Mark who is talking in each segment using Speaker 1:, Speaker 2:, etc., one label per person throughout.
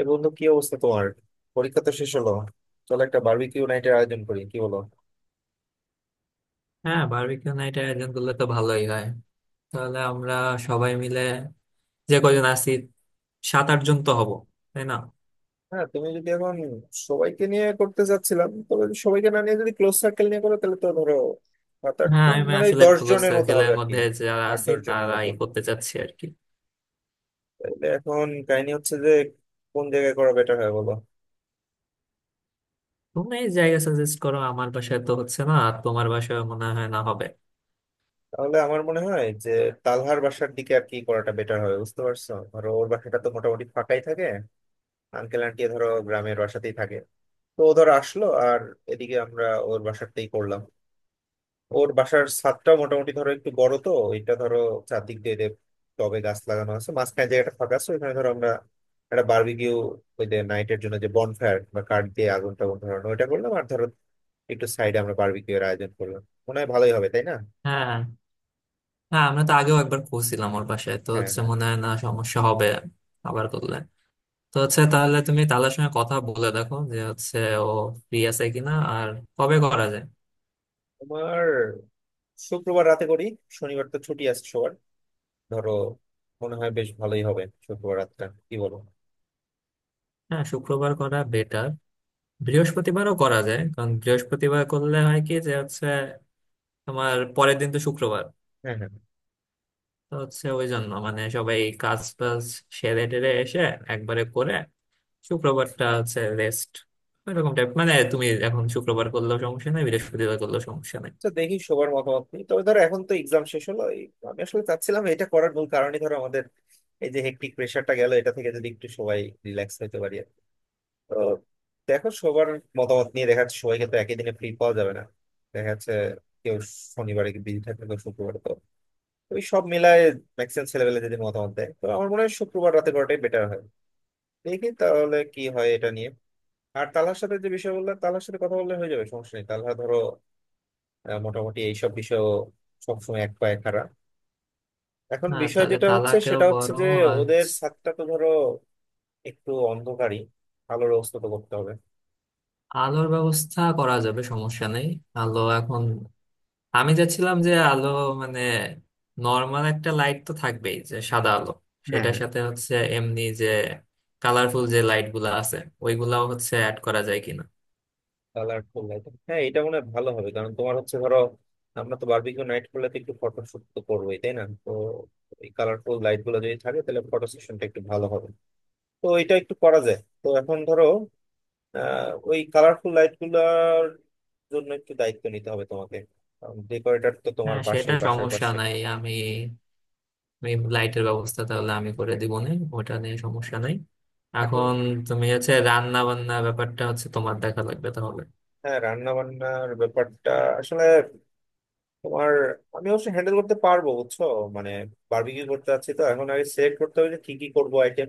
Speaker 1: এ বন্ধু, কি অবস্থা তোমার? পরীক্ষা তো শেষ হলো। চলো একটা বারবিকিউ নাইটের আয়োজন করি, কি বলো?
Speaker 2: হ্যাঁ, বারবিকিউ নাইটের আয়োজন করলে তো ভালোই হয়। তাহলে আমরা সবাই মিলে, যে কজন আছি, 7-8 জন তো হব, তাই না?
Speaker 1: হ্যাঁ, তুমি যদি এখন সবাইকে নিয়ে করতে চাচ্ছিলাম, তবে যদি সবাইকে না নিয়ে যদি ক্লোজ সার্কেল নিয়ে করো তাহলে তো ধরো সাত আট
Speaker 2: হ্যাঁ,
Speaker 1: জন
Speaker 2: আমি
Speaker 1: মানে ওই
Speaker 2: আসলে
Speaker 1: দশ
Speaker 2: ক্লোজ
Speaker 1: জনের মতো হবে
Speaker 2: সার্কেলের
Speaker 1: আর কি।
Speaker 2: মধ্যে যারা
Speaker 1: আট
Speaker 2: আছি
Speaker 1: দশ জনের মতো।
Speaker 2: তারাই করতে চাচ্ছি আর কি।
Speaker 1: তাহলে এখন কাহিনী হচ্ছে যে কোন জায়গায় করা বেটার হয়, বলো?
Speaker 2: তুমি জায়গা সাজেস্ট করো। আমার বাসায় তো হচ্ছে না, আর তোমার বাসায় মনে হয় না হবে।
Speaker 1: তাহলে আমার মনে হয় যে তালহার বাসার দিকে আর কি করাটা বেটার হবে, বুঝতে পারছো? ধরো, ওর বাসাটা তো মোটামুটি ফাঁকাই থাকে। আঙ্কেল আন্টি ধরো গ্রামের বাসাতেই থাকে। তো ও ধর আসলো, আর এদিকে আমরা ওর বাসারটাই করলাম। ওর বাসার ছাদটা মোটামুটি ধরো একটু বড় তো। এটা ধরো চারদিক দিয়ে দিয়ে টবে গাছ লাগানো আছে, মাঝখানে জায়গাটা ফাঁকা আছে। ওখানে ধরো আমরা একটা বারবিকিউ, ওই যে নাইটের জন্য যে বনফায়ার বা কাঠ দিয়ে আগুন টাগুন ধরানো ওইটা করলাম, আর ধরো একটু সাইডে আমরা বারবিকিউ এর আয়োজন করলাম। মনে হয় ভালোই হবে, তাই না?
Speaker 2: হ্যাঁ, হ্যাঁ, আমরা তো আগেও একবার খুঁজছিলাম, ওর বাসায় তো
Speaker 1: হ্যাঁ,
Speaker 2: হচ্ছে,
Speaker 1: হ্যাঁ।
Speaker 2: মনে হয় না সমস্যা হবে। আবার করলে তো হচ্ছে, তাহলে তুমি তাদের সঙ্গে কথা বলে দেখো যে হচ্ছে, ও ফ্রি আছে কিনা, আর কবে করা যায়।
Speaker 1: তোমার শুক্রবার রাতে করি, শনিবার তো ছুটি আছে সবার। ধরো মনে হয় বেশ ভালোই হবে শুক্রবার রাতটা, কি বলো?
Speaker 2: হ্যাঁ, শুক্রবার করা বেটার। বৃহস্পতিবারও করা যায়, কারণ বৃহস্পতিবার করলে হয় কি যে হচ্ছে, তোমার পরের দিন তো শুক্রবার,
Speaker 1: হ্যাঁ, হ্যাঁ।
Speaker 2: তো হচ্ছে ওই জন্য মানে সবাই কাজ টাজ সেরে টেরে এসে একবারে করে, শুক্রবারটা হচ্ছে রেস্ট এরকম টাইপ। মানে তুমি এখন শুক্রবার করলেও সমস্যা নেই, বৃহস্পতিবার করলেও সমস্যা নেই।
Speaker 1: তো দেখি সবার মতামত নিই, তবে ধরো এখন তো এক্সাম শেষ হলো এই, আমি আসলে চাচ্ছিলাম এটা করার মূল কারণই ধরো আমাদের এই যে হেক্টিক প্রেশারটা গেল, এটা থেকে যদি একটু সবাই রিল্যাক্স হতে পারি আর কি। তো দেখো সবার মতামত নিয়ে দেখা যাচ্ছে সবাইকে তো একই দিনে ফ্রি পাওয়া যাবে না। দেখা যাচ্ছে কেউ শনিবারে বিজি থাকবে, কেউ শুক্রবারে। তো ওই সব মিলায় ম্যাক্সিমাম ছেলেবেলা যদি মতামত দেয় তো আমার মনে হয় শুক্রবার রাতে করাটাই বেটার হয়। দেখি তাহলে কি হয় এটা নিয়ে। আর তালার সাথে যে বিষয় বললাম, তালার সাথে কথা বললে হয়ে যাবে, সমস্যা নেই। তালহা ধরো মোটামুটি এইসব বিষয়েও সবসময় এক পায়ে খাড়া। এখন
Speaker 2: হ্যাঁ,
Speaker 1: বিষয়
Speaker 2: তাহলে
Speaker 1: যেটা হচ্ছে,
Speaker 2: তালাকেও
Speaker 1: সেটা হচ্ছে
Speaker 2: বড়
Speaker 1: যে
Speaker 2: আজ।
Speaker 1: ওদের ছাদটা তো ধরো একটু অন্ধকারই, আলোর ব্যবস্থা তো করতে হবে।
Speaker 2: আলোর ব্যবস্থা করা যাবে, সমস্যা নেই। আলো এখন, আমি যাচ্ছিলাম যে আলো মানে নর্মাল একটা লাইট তো থাকবেই, যে সাদা আলো,
Speaker 1: হ্যাঁ,
Speaker 2: সেটার
Speaker 1: হ্যাঁ।
Speaker 2: সাথে হচ্ছে এমনি যে কালারফুল যে লাইট গুলা আছে ওইগুলাও হচ্ছে অ্যাড করা যায় কিনা।
Speaker 1: কালার ফুল লাইট, হ্যাঁ এটা মনে হয় ভালো হবে, কারণ তোমার হচ্ছে ধরো আমরা তো বারবিকিউ নাইট করলে তো একটু ফটোশুট তো করবোই, তাই না? তো এই কালারফুল লাইট গুলো যদি থাকে তাহলে ফটো সেশনটা একটু ভালো হবে। তো এটা একটু করা যায়। তো এখন ধরো ওই কালারফুল লাইট গুলার জন্য একটু দায়িত্ব নিতে হবে তোমাকে। ডেকোরেটর তো তোমার
Speaker 2: হ্যাঁ, সেটা
Speaker 1: পাশেই, বাসার
Speaker 2: সমস্যা
Speaker 1: পাশে।
Speaker 2: নাই। আমি আমি লাইটের ব্যবস্থা তাহলে আমি করে দিব না, ওটা নিয়ে সমস্যা নাই।
Speaker 1: এখন
Speaker 2: এখন তুমি হচ্ছে রান্না বান্না ব্যাপারটা হচ্ছে তোমার দেখা লাগবে তাহলে।
Speaker 1: হ্যাঁ, রান্না বান্নার ব্যাপারটা আসলে তোমার, আমি অবশ্য হ্যান্ডেল করতে পারবো, বুঝছো? মানে বারবিকিউ করতে চাচ্ছি তো এখন আগে সিলেক্ট করতে হবে যে কি কি করবো আইটেম।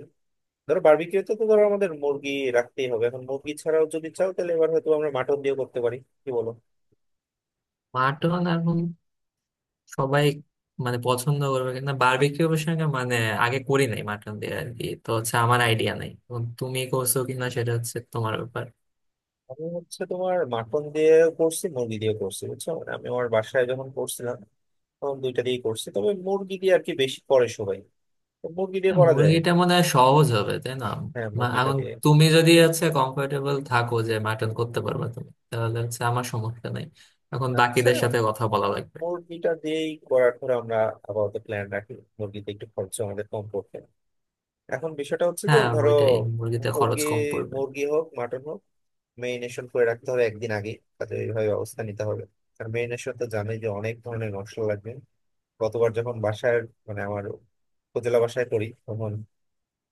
Speaker 1: ধরো বারবিকিউতে তো ধরো আমাদের মুরগি রাখতেই হবে। এখন মুরগি ছাড়াও যদি চাও তাহলে এবার হয়তো আমরা মাটন দিয়ে করতে পারি, কি বলো?
Speaker 2: মাটন আর সবাই মানে পছন্দ করবে, কিন্তু বারবিকিউ প্রসঙ্গে মানে আগে করি নাই মাটন দিয়ে আর কি, তো হচ্ছে আমার আইডিয়া নাই, এখন তুমি করছো কিনা সেটা হচ্ছে তোমার ব্যাপার।
Speaker 1: আমি হচ্ছে তোমার মাটন দিয়ে করছি, মুরগি দিয়ে করছি, বুঝছো? মানে আমি আমার বাসায় যখন করছিলাম তখন দুইটা দিয়ে করছি, তবে মুরগি দিয়ে আর কি বেশি করে সবাই। তো মুরগি দিয়ে
Speaker 2: হ্যাঁ,
Speaker 1: করা যায়।
Speaker 2: মুরগিটা মনে হয় সহজ হবে, তাই না?
Speaker 1: হ্যাঁ, মুরগিটা
Speaker 2: এখন
Speaker 1: দিয়ে।
Speaker 2: তুমি যদি হচ্ছে কমফোর্টেবল থাকো যে মাটন করতে পারবে তুমি, তাহলে হচ্ছে আমার সমস্যা নাই। এখন
Speaker 1: আচ্ছা,
Speaker 2: বাকিদের সাথে কথা বলা লাগবে।
Speaker 1: মুরগিটা দিয়েই করার ধরো আমরা আপাতত প্ল্যান রাখি। মুরগিতে একটু খরচ আমাদের কম পড়বে। এখন বিষয়টা হচ্ছে যে
Speaker 2: হ্যাঁ,
Speaker 1: ধরো
Speaker 2: ওইটাই, মুরগিতে খরচ
Speaker 1: মুরগি
Speaker 2: কম পড়বে।
Speaker 1: মুরগি হোক মাটন হোক, মেরিনেশন করে রাখতে হবে একদিন আগে। তাতে এইভাবে অবস্থা নিতে হবে। আর মেরিনেশন তো জানোই যে অনেক ধরনের মশলা লাগবে। গতবার যখন বাসায়, মানে আমার উপজেলা বাসায় করি, তখন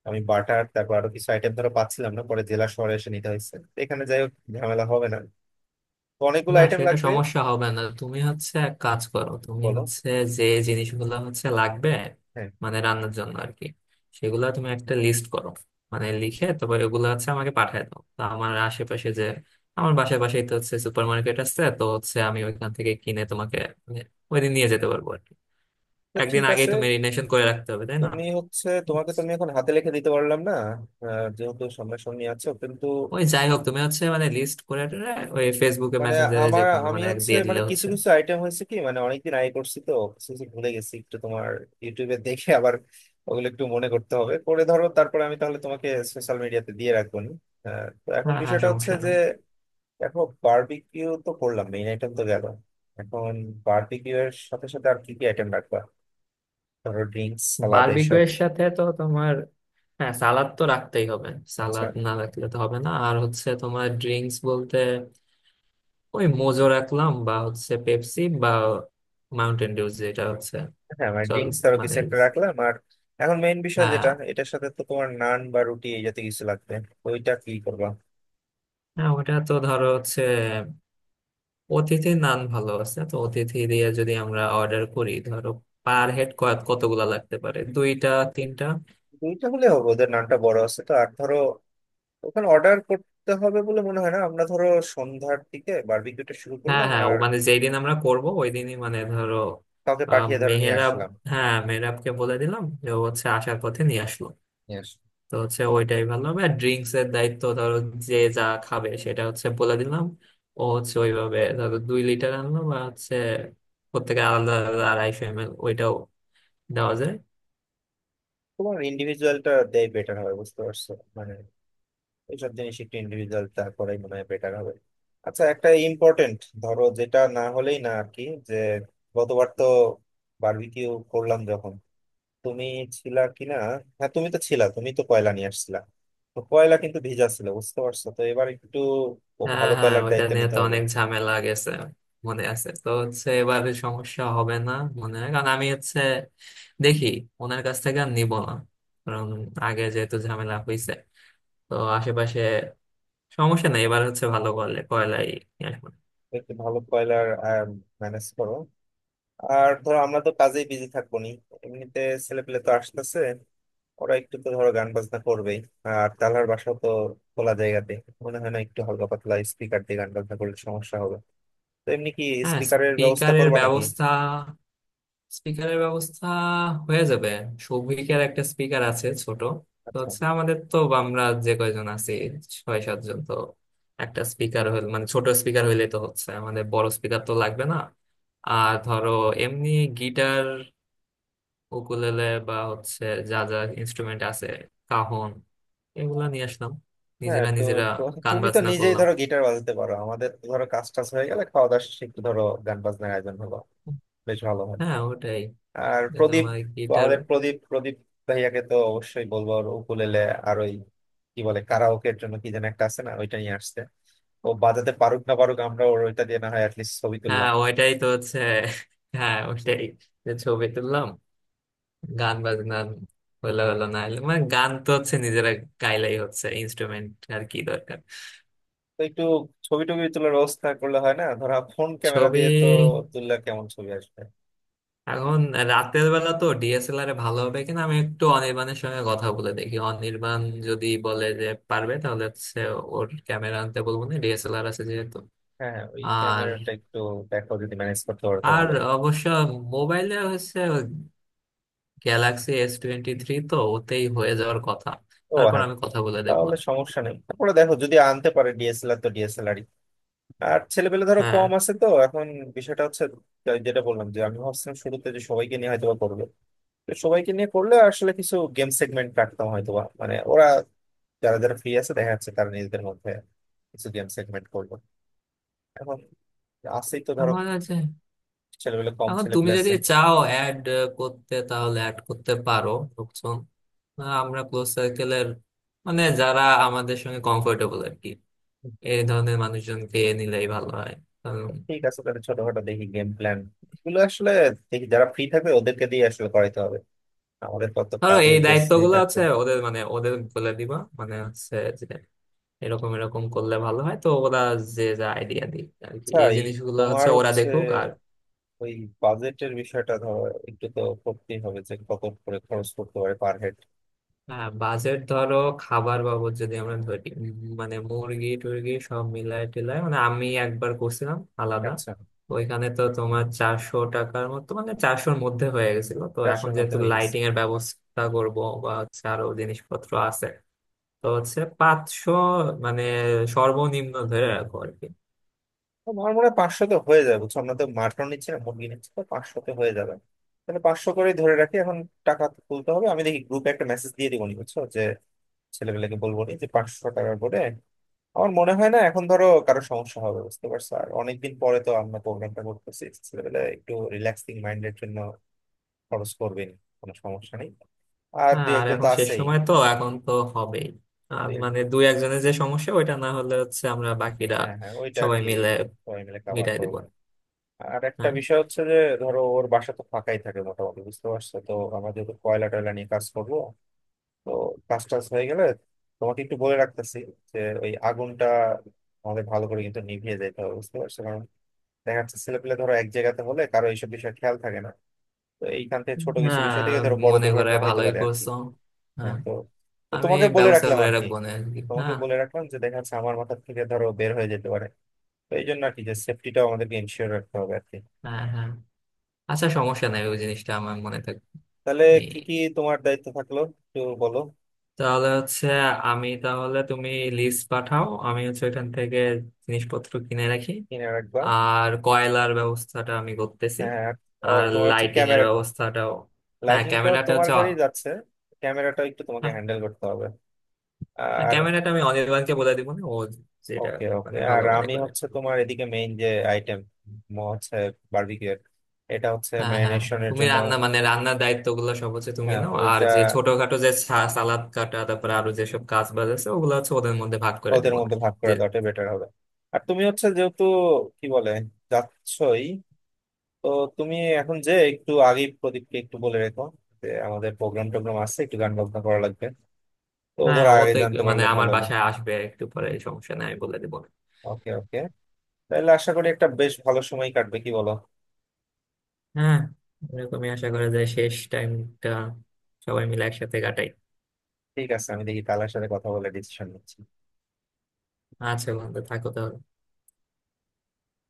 Speaker 1: আমি বাটার তারপর আরো কিছু আইটেম ধরো পাচ্ছিলাম না, পরে জেলা শহরে এসে নিতে হয়েছে। এখানে যাই হোক ঝামেলা হবে না। তো অনেকগুলো
Speaker 2: না,
Speaker 1: আইটেম
Speaker 2: সেটা
Speaker 1: লাগবে।
Speaker 2: সমস্যা হবে না। তুমি হচ্ছে এক কাজ করো, তুমি
Speaker 1: বলো।
Speaker 2: হচ্ছে যে জিনিসগুলো হচ্ছে লাগবে
Speaker 1: হ্যাঁ।
Speaker 2: মানে রান্নার জন্য আর কি, সেগুলো তুমি একটা লিস্ট করো, মানে লিখে তারপর এগুলো হচ্ছে আমাকে পাঠায় দাও। তো আমার আশেপাশে যে, আমার বাসার পাশেই তো হচ্ছে সুপার মার্কেট আছে, তো হচ্ছে আমি ওইখান থেকে কিনে তোমাকে মানে ওইদিন নিয়ে যেতে পারবো আর কি।
Speaker 1: তো
Speaker 2: একদিন
Speaker 1: ঠিক
Speaker 2: আগেই
Speaker 1: আছে।
Speaker 2: তো মেরিনেশন করে রাখতে হবে, তাই না?
Speaker 1: তুমি হচ্ছে তোমাকে তো আমি এখন হাতে লিখে দিতে পারলাম না, যেহেতু সামনাসামনি আছো কিন্তু।
Speaker 2: ওই যাই হোক, তুমি হচ্ছে মানে লিস্ট করে টেরে ওই ফেসবুকে
Speaker 1: মানে
Speaker 2: মেসেঞ্জারে যে
Speaker 1: আমার
Speaker 2: কোনো
Speaker 1: আমি
Speaker 2: মানে এক
Speaker 1: হচ্ছে
Speaker 2: দিয়ে
Speaker 1: মানে
Speaker 2: দিলে
Speaker 1: কিছু
Speaker 2: হচ্ছে।
Speaker 1: কিছু আইটেম হয়েছে কি, মানে অনেকদিন আগে করছি তো কিছু কিছু ভুলে গেছি একটু। তোমার ইউটিউবে দেখে আবার ওগুলো একটু মনে করতে হবে, করে ধরো তারপরে আমি তাহলে তোমাকে সোশ্যাল মিডিয়াতে দিয়ে রাখবো নি। তো এখন
Speaker 2: হ্যাঁ, হ্যাঁ,
Speaker 1: বিষয়টা হচ্ছে
Speaker 2: সমস্যা
Speaker 1: যে
Speaker 2: নাই।
Speaker 1: দেখো বারবিকিউ তো করলাম, মেইন আইটেম তো গেল। এখন বারবিকিউ এর সাথে সাথে আর কি কি আইটেম রাখবা? ধরো ড্রিঙ্কস, সালাদ
Speaker 2: বারবিকিউ
Speaker 1: এসব।
Speaker 2: এর সাথে তো তোমার, হ্যাঁ সালাদ তো রাখতেই হবে,
Speaker 1: আচ্ছা।
Speaker 2: সালাদ না রাখলে তো হবে না। আর হচ্ছে তোমার ড্রিঙ্কস বলতে ওই মোজো রাখলাম, বা হচ্ছে পেপসি বা মাউন্টেন ডিউ যেটা হচ্ছে।
Speaker 1: হ্যাঁ, মানে
Speaker 2: চল,
Speaker 1: ড্রিঙ্কস আরো
Speaker 2: মানে
Speaker 1: কিছু একটা রাখলাম, আর এখন মেইন বিষয়
Speaker 2: হ্যাঁ।
Speaker 1: যেটা, এটার সাথে তো তোমার নান বা রুটি এই জাতীয় কিছু লাগবে। তো ওইটা কি করবা?
Speaker 2: হ্যাঁ, ওটা তো ধরো হচ্ছে অতিথি নান ভালো আছে, তো অতিথি দিয়ে যদি আমরা অর্ডার করি, ধরো পার হেড কতগুলা লাগতে পারে, দুইটা তিনটা।
Speaker 1: দুইটা হলে হবে, ওদের নানটা বড় আছে তো। আর ধরো ওখানে অর্ডার করতে হবে বলে মনে হয় না, আমরা ধরো সন্ধ্যার দিকে বারবিকিউটা শুরু
Speaker 2: হ্যাঁ,
Speaker 1: করলাম
Speaker 2: হ্যাঁ, ও
Speaker 1: আর
Speaker 2: মানে যেই দিন আমরা করব ওই দিনই, মানে ধরো
Speaker 1: কাউকে পাঠিয়ে ধরো নিয়ে
Speaker 2: মেহেরাব,
Speaker 1: আসলাম।
Speaker 2: হ্যাঁ মেহেরাবকে বলে দিলাম যে ও হচ্ছে আসার পথে নিয়ে আসলো।
Speaker 1: নিয়ে আসলাম।
Speaker 2: তো হচ্ছে ওইটাই ভালো হবে। আর ড্রিঙ্কস এর দায়িত্ব ধরো যে যা খাবে সেটা হচ্ছে বলে দিলাম, ও হচ্ছে ওইভাবে ধরো 2 লিটার আনলো, বা হচ্ছে প্রত্যেকে আলাদা আলাদা 250 এম এল ওইটাও দেওয়া যায়।
Speaker 1: তোমার ইন্ডিভিজুয়ালটা দেয় বেটার হয়, বুঝতে পারছো? মানে এইসব জিনিস একটু ইন্ডিভিজুয়াল তা করাই মনে হয় বেটার হবে। আচ্ছা, একটা ইম্পর্টেন্ট, ধরো যেটা না হলেই না আর কি, যে গতবার তো বারবিকিউ করলাম যখন তুমি ছিলা কিনা? হ্যাঁ, তুমি তো ছিলা, তুমি তো কয়লা নিয়ে আসছিলা। তো কয়লা কিন্তু ভিজা ছিল, বুঝতে পারছো? তো এবার একটু ও
Speaker 2: হ্যাঁ,
Speaker 1: ভালো
Speaker 2: হ্যাঁ,
Speaker 1: কয়লার
Speaker 2: ওইটা
Speaker 1: দায়িত্ব
Speaker 2: নিয়ে
Speaker 1: নিতে
Speaker 2: তো
Speaker 1: হবে।
Speaker 2: অনেক ঝামেলা গেছে, মনে আছে তো, হচ্ছে এবারে সমস্যা হবে না মনে হয়। কারণ আমি হচ্ছে দেখি, ওনার কাছ থেকে আর নিবো না, কারণ আগে যেহেতু ঝামেলা হয়েছে। তো আশেপাশে সমস্যা নেই, এবার হচ্ছে ভালো করলে কয়লাই নিয়ে আসবো।
Speaker 1: একটু ভালো কয়লার ম্যানেজ করো। আর ধরো আমরা তো কাজেই বিজি থাকবো নি এমনিতে। ছেলে পেলে তো আসতেছে, ওরা একটু তো ধরো গান বাজনা করবেই। আর তালার বাসা তো খোলা জায়গাতে, মনে হয় না একটু হালকা পাতলা স্পিকার দিয়ে গান বাজনা করলে সমস্যা হবে। তো এমনি কি
Speaker 2: হ্যাঁ,
Speaker 1: স্পিকারের ব্যবস্থা
Speaker 2: স্পিকারের
Speaker 1: করবা নাকি?
Speaker 2: ব্যবস্থা, স্পিকারের ব্যবস্থা হয়ে যাবে। সৌভিকের একটা স্পিকার আছে ছোট, তো
Speaker 1: আচ্ছা,
Speaker 2: হচ্ছে আমাদের তো, আমরা যে কয়জন আছি 6-7 জন, তো একটা স্পিকার হইলে মানে ছোট স্পিকার হইলে তো হচ্ছে আমাদের বড় স্পিকার তো লাগবে না। আর ধরো এমনি গিটার, উকুলেলে, বা হচ্ছে যা যা ইনস্ট্রুমেন্ট আছে, কাহন, এগুলা নিয়ে আসলাম,
Speaker 1: হ্যাঁ।
Speaker 2: নিজেরা
Speaker 1: তো
Speaker 2: নিজেরা
Speaker 1: তো
Speaker 2: গান
Speaker 1: তুমি তো
Speaker 2: বাজনা
Speaker 1: নিজেই
Speaker 2: করলাম।
Speaker 1: ধরো গিটার বাজাতে পারো, আমাদের তো ধরো কাজ টাজ হয়ে গেলে খাওয়া দাওয়া শেষে একটু ধরো গান বাজনার আয়োজন হলো, বেশ ভালো হয়।
Speaker 2: হ্যাঁ, ওটাই।
Speaker 1: আর
Speaker 2: এটা
Speaker 1: প্রদীপ,
Speaker 2: আমার
Speaker 1: তো
Speaker 2: গিটার।
Speaker 1: আমাদের প্রদীপ প্রদীপ ভাইয়াকে তো অবশ্যই বলবো, ওর উকুলেলে আর ওই কি বলে কারাওকের জন্য কি যেন একটা আছে না, ওইটা নিয়ে আসছে। ও বাজাতে পারুক না পারুক, আমরা ওর ওইটা দিয়ে না হয় অ্যাটলিস্ট ছবি
Speaker 2: হ্যাঁ,
Speaker 1: তুললাম।
Speaker 2: ওইটাই তো হচ্ছে, হ্যাঁ ওইটাই, যে ছবি তুললাম, গান বাজনা হলো হলো না হলো, মানে গান তো হচ্ছে নিজেরা গাইলেই হচ্ছে, ইনস্ট্রুমেন্ট আর কি দরকার।
Speaker 1: তো একটু ছবি টবি তোলার ব্যবস্থা করলে হয় না? ধরা ফোন ক্যামেরা
Speaker 2: ছবি
Speaker 1: দিয়ে তো তুললে কেমন ছবি আসবে?
Speaker 2: এখন রাতের বেলা তো ডিএসএলআর এ ভালো হবে কিনা, আমি একটু অনির্বাণের সঙ্গে কথা বলে দেখি। অনির্বাণ যদি বলে যে পারবে তাহলে হচ্ছে ওর ক্যামেরা আনতে বলবো না, ডিএসএলআর আছে যেহেতু।
Speaker 1: হ্যাঁ, হ্যাঁ, ওই
Speaker 2: আর
Speaker 1: ক্যামেরাটা একটু দেখো, যদি ম্যানেজ করতে পারো তো
Speaker 2: আর
Speaker 1: ভালো হয়।
Speaker 2: অবশ্য মোবাইলে হচ্ছে গ্যালাক্সি S23, তো ওতেই হয়ে যাওয়ার কথা।
Speaker 1: ও
Speaker 2: তারপর
Speaker 1: হ্যাঁ,
Speaker 2: আমি কথা বলে দেখবো
Speaker 1: তাহলে
Speaker 2: না।
Speaker 1: সমস্যা নেই। তারপরে দেখো যদি আনতে পারে ডিএসএলআর, তো ডিএসএলআরই। আর ছেলেপেলে ধরো
Speaker 2: হ্যাঁ,
Speaker 1: কম আছে তো এখন। বিষয়টা হচ্ছে যেটা বললাম, যে আমি ভাবছিলাম শুরুতে যে সবাইকে নিয়ে হয়তো বা করবে। তো সবাইকে নিয়ে করলে আসলে কিছু গেম সেগমেন্ট রাখতাম হয়তো বা, মানে ওরা যারা যারা ফ্রি আছে দেখা যাচ্ছে তারা নিজেদের মধ্যে কিছু গেম সেগমেন্ট করবো। এখন আছেই তো ধরো,
Speaker 2: আমার আছে।
Speaker 1: ছেলেগুলো কম,
Speaker 2: এখন
Speaker 1: ছেলে
Speaker 2: তুমি
Speaker 1: পেলে আছে।
Speaker 2: যদি চাও অ্যাড করতে তাহলে অ্যাড করতে পারো লোকজন। আমরা ক্লোজ সার্কেলের মানে যারা আমাদের সঙ্গে কমফোর্টেবল আর কি, এই ধরনের মানুষজনকে নিলেই ভালো হয়। কারণ
Speaker 1: ঠিক আছে, তাহলে ছোটখাটো দেখি গেম প্ল্যান এগুলো আসলে। দেখি যারা ফ্রি থাকবে ওদেরকে দিয়ে আসলে করাইতে হবে। আমাদের কত
Speaker 2: ধরো
Speaker 1: কাজে
Speaker 2: এই
Speaker 1: বেশ ফ্রি
Speaker 2: দায়িত্বগুলো
Speaker 1: থাকতে
Speaker 2: আছে
Speaker 1: হবে।
Speaker 2: ওদের, মানে ওদের বলে দিবা মানে হচ্ছে যে এরকম এরকম করলে ভালো হয়, তো ওরা যে যা আইডিয়া দিক আর কি,
Speaker 1: আচ্ছা
Speaker 2: এই
Speaker 1: এই,
Speaker 2: জিনিসগুলো
Speaker 1: তোমার
Speaker 2: হচ্ছে ওরা
Speaker 1: হচ্ছে
Speaker 2: দেখুক। আর
Speaker 1: ওই বাজেটের বিষয়টা, ধরো একটু তো করতেই হবে যে কত করে খরচ করতে পারে পার হেড।
Speaker 2: হ্যাঁ, বাজেট ধরো খাবার বাবদ যদি আমরা ধরি মানে মুরগি টুরগি সব মিলায় টিলায় মানে আমি একবার করছিলাম আলাদা,
Speaker 1: আচ্ছা,
Speaker 2: ওইখানে তো তোমার চারশো টাকার মতো, মানে 400'র মধ্যে হয়ে গেছিল। তো এখন
Speaker 1: চারশোর মধ্যে
Speaker 2: যেহেতু
Speaker 1: হয়ে গেছে?
Speaker 2: লাইটিং এর ব্যবস্থা করব বা হচ্ছে আরো জিনিসপত্র আছে, তো হচ্ছে 500 মানে সর্বনিম্ন ধরে রাখো আর কি।
Speaker 1: তো আমার মনে হয় পাঁচশোতে হয়ে যাবে, বুঝছো। আমরা তো মাটন নিচ্ছি না, মুরগি নিচ্ছি, তো পাঁচশোতে হয়ে যাবে। তাহলে পাঁচশো করেই ধরে রাখি এখন। টাকা তুলতে হবে। আমি দেখি গ্রুপে একটা মেসেজ দিয়ে দিবনি, বুঝছো, যে ছেলেপেলেকে বলবো না যে 500 টাকা করে। আমার মনে হয় না এখন ধরো কারো সমস্যা হবে, বুঝতে পারছো? আর অনেকদিন পরে তো আমরা প্রোগ্রামটা করতেছি, ছেলেপেলে একটু রিল্যাক্সিং মাইন্ডের জন্য খরচ করবেন, কোনো সমস্যা নেই। আর
Speaker 2: হ্যাঁ,
Speaker 1: দুই
Speaker 2: আর
Speaker 1: একজন তো
Speaker 2: এখন শেষ
Speaker 1: আছেই।
Speaker 2: সময় তো, এখন তো হবেই। আর
Speaker 1: দুই এক-
Speaker 2: মানে দুই একজনের যে সমস্যা ওইটা না হলে হচ্ছে আমরা বাকিরা
Speaker 1: হ্যাঁ, হ্যাঁ, ওইটা আর
Speaker 2: সবাই
Speaker 1: কি।
Speaker 2: মিলে
Speaker 1: সবাই মিলে কাভার
Speaker 2: মিটাই দিব।
Speaker 1: করবো। আর একটা
Speaker 2: হ্যাঁ,
Speaker 1: বিষয় হচ্ছে যে ধরো ওর বাসা তো ফাঁকাই থাকে মোটামুটি, বুঝতে পারছো? তো আমরা যেহেতু কয়লা টয়লা নিয়ে কাজ করবো, তো কাজ টাজ হয়ে গেলে তোমাকে একটু বলে রাখতেছি যে ওই আগুনটা আমাদের ভালো করে কিন্তু নিভিয়ে যেতে হবে, বুঝতে পারছো? দেখা যাচ্ছে ছেলেপেলে ধরো এক জায়গাতে হলে কারো এইসব বিষয়ে খেয়াল থাকে না। তো এইখান থেকে ছোট কিছু বিষয়
Speaker 2: হ্যাঁ,
Speaker 1: থেকে ধরো বড়
Speaker 2: মনে করে
Speaker 1: দুর্ঘটনা হইতে
Speaker 2: ভালোই
Speaker 1: পারে আর কি।
Speaker 2: করছো।
Speaker 1: হ্যাঁ।
Speaker 2: হ্যাঁ,
Speaker 1: তো তো
Speaker 2: আমি
Speaker 1: তোমাকে বলে
Speaker 2: ব্যবস্থা
Speaker 1: রাখলাম
Speaker 2: করে
Speaker 1: আর কি।
Speaker 2: রাখবো না আর কি।
Speaker 1: তোমাকে
Speaker 2: হ্যাঁ,
Speaker 1: বলে রাখলাম যে দেখা যাচ্ছে আমার মাথা থেকে ধরো বের হয়ে যেতে পারে, তো এই জন্য আর কি, যে সেফটিটাও আমাদেরকে ইনশিওর রাখতে হবে আর কি।
Speaker 2: হ্যাঁ, হ্যাঁ, আচ্ছা সমস্যা নাই, ওই জিনিসটা আমার মনে থাকবে।
Speaker 1: তাহলে
Speaker 2: আমি
Speaker 1: কি কি তোমার দায়িত্ব থাকলো, একটু বলো।
Speaker 2: তাহলে হচ্ছে আমি তাহলে, তুমি লিস্ট পাঠাও, আমি হচ্ছে ওইখান থেকে জিনিসপত্র কিনে রাখি।
Speaker 1: কিনে রাখবা।
Speaker 2: আর কয়লার ব্যবস্থাটা আমি করতেছি।
Speaker 1: হ্যাঁ, আর, ও
Speaker 2: আর
Speaker 1: তোমার হচ্ছে
Speaker 2: লাইটিং এর
Speaker 1: ক্যামেরা,
Speaker 2: ব্যবস্থাটাও। হ্যাঁ,
Speaker 1: লাইটিংটাও
Speaker 2: ক্যামেরাটা
Speaker 1: তোমার
Speaker 2: হচ্ছে,
Speaker 1: ঘরেই যাচ্ছে, ক্যামেরাটাও একটু তোমাকে
Speaker 2: হ্যাঁ
Speaker 1: হ্যান্ডেল করতে হবে। আর
Speaker 2: ক্যামেরাটা আমি অনির্বাণকে বলে দিব না, ও যেটা
Speaker 1: ওকে, ওকে।
Speaker 2: মানে
Speaker 1: আর
Speaker 2: ভালো মনে
Speaker 1: আমি
Speaker 2: করে।
Speaker 1: হচ্ছে তোমার এদিকে মেইন যে আইটেম হচ্ছে বার্বিকিউর, এটা হচ্ছে
Speaker 2: হ্যাঁ, হ্যাঁ,
Speaker 1: ম্যারিনেশনের
Speaker 2: তুমি
Speaker 1: জন্য।
Speaker 2: রান্না মানে রান্নার দায়িত্ব গুলো সব হচ্ছে তুমি
Speaker 1: হ্যাঁ,
Speaker 2: নাও। আর
Speaker 1: ওইটা
Speaker 2: যে ছোটখাটো যে সালাদ কাটা, তারপরে আরো যেসব কাজ বাজ আছে, ওগুলো হচ্ছে ওদের মধ্যে ভাগ করে
Speaker 1: ওদের
Speaker 2: দিব না
Speaker 1: মধ্যে ভাগ
Speaker 2: যে।
Speaker 1: করে দেওয়াটা বেটার হবে। আর তুমি হচ্ছে যেহেতু কি বলে যাচ্ছই, তো তুমি এখন যে একটু আগে প্রদীপকে একটু বলে রেখো যে আমাদের প্রোগ্রাম টোগ্রাম আছে, একটু গান বাজনা করা লাগবে। তো ও
Speaker 2: হ্যাঁ,
Speaker 1: ধরো
Speaker 2: ও
Speaker 1: আগে
Speaker 2: তো
Speaker 1: জানতে
Speaker 2: একটু মানে
Speaker 1: পারলে
Speaker 2: আমার
Speaker 1: ভালো হলো।
Speaker 2: বাসায় আসবে একটু পরে, এই সমস্যা নাই, আমি বলে দিব না।
Speaker 1: ওকে, ওকে। তাহলে আশা করি একটা বেশ ভালো সময় কাটবে, কি বলো?
Speaker 2: হ্যাঁ, এরকমই আশা করা যায়, শেষ টাইমটা সবাই মিলে একসাথে কাটাই।
Speaker 1: ঠিক আছে, আমি দেখি কালার সাথে কথা বলে ডিসিশন নিচ্ছি।
Speaker 2: আচ্ছা বন্ধু, থাকো তাহলে।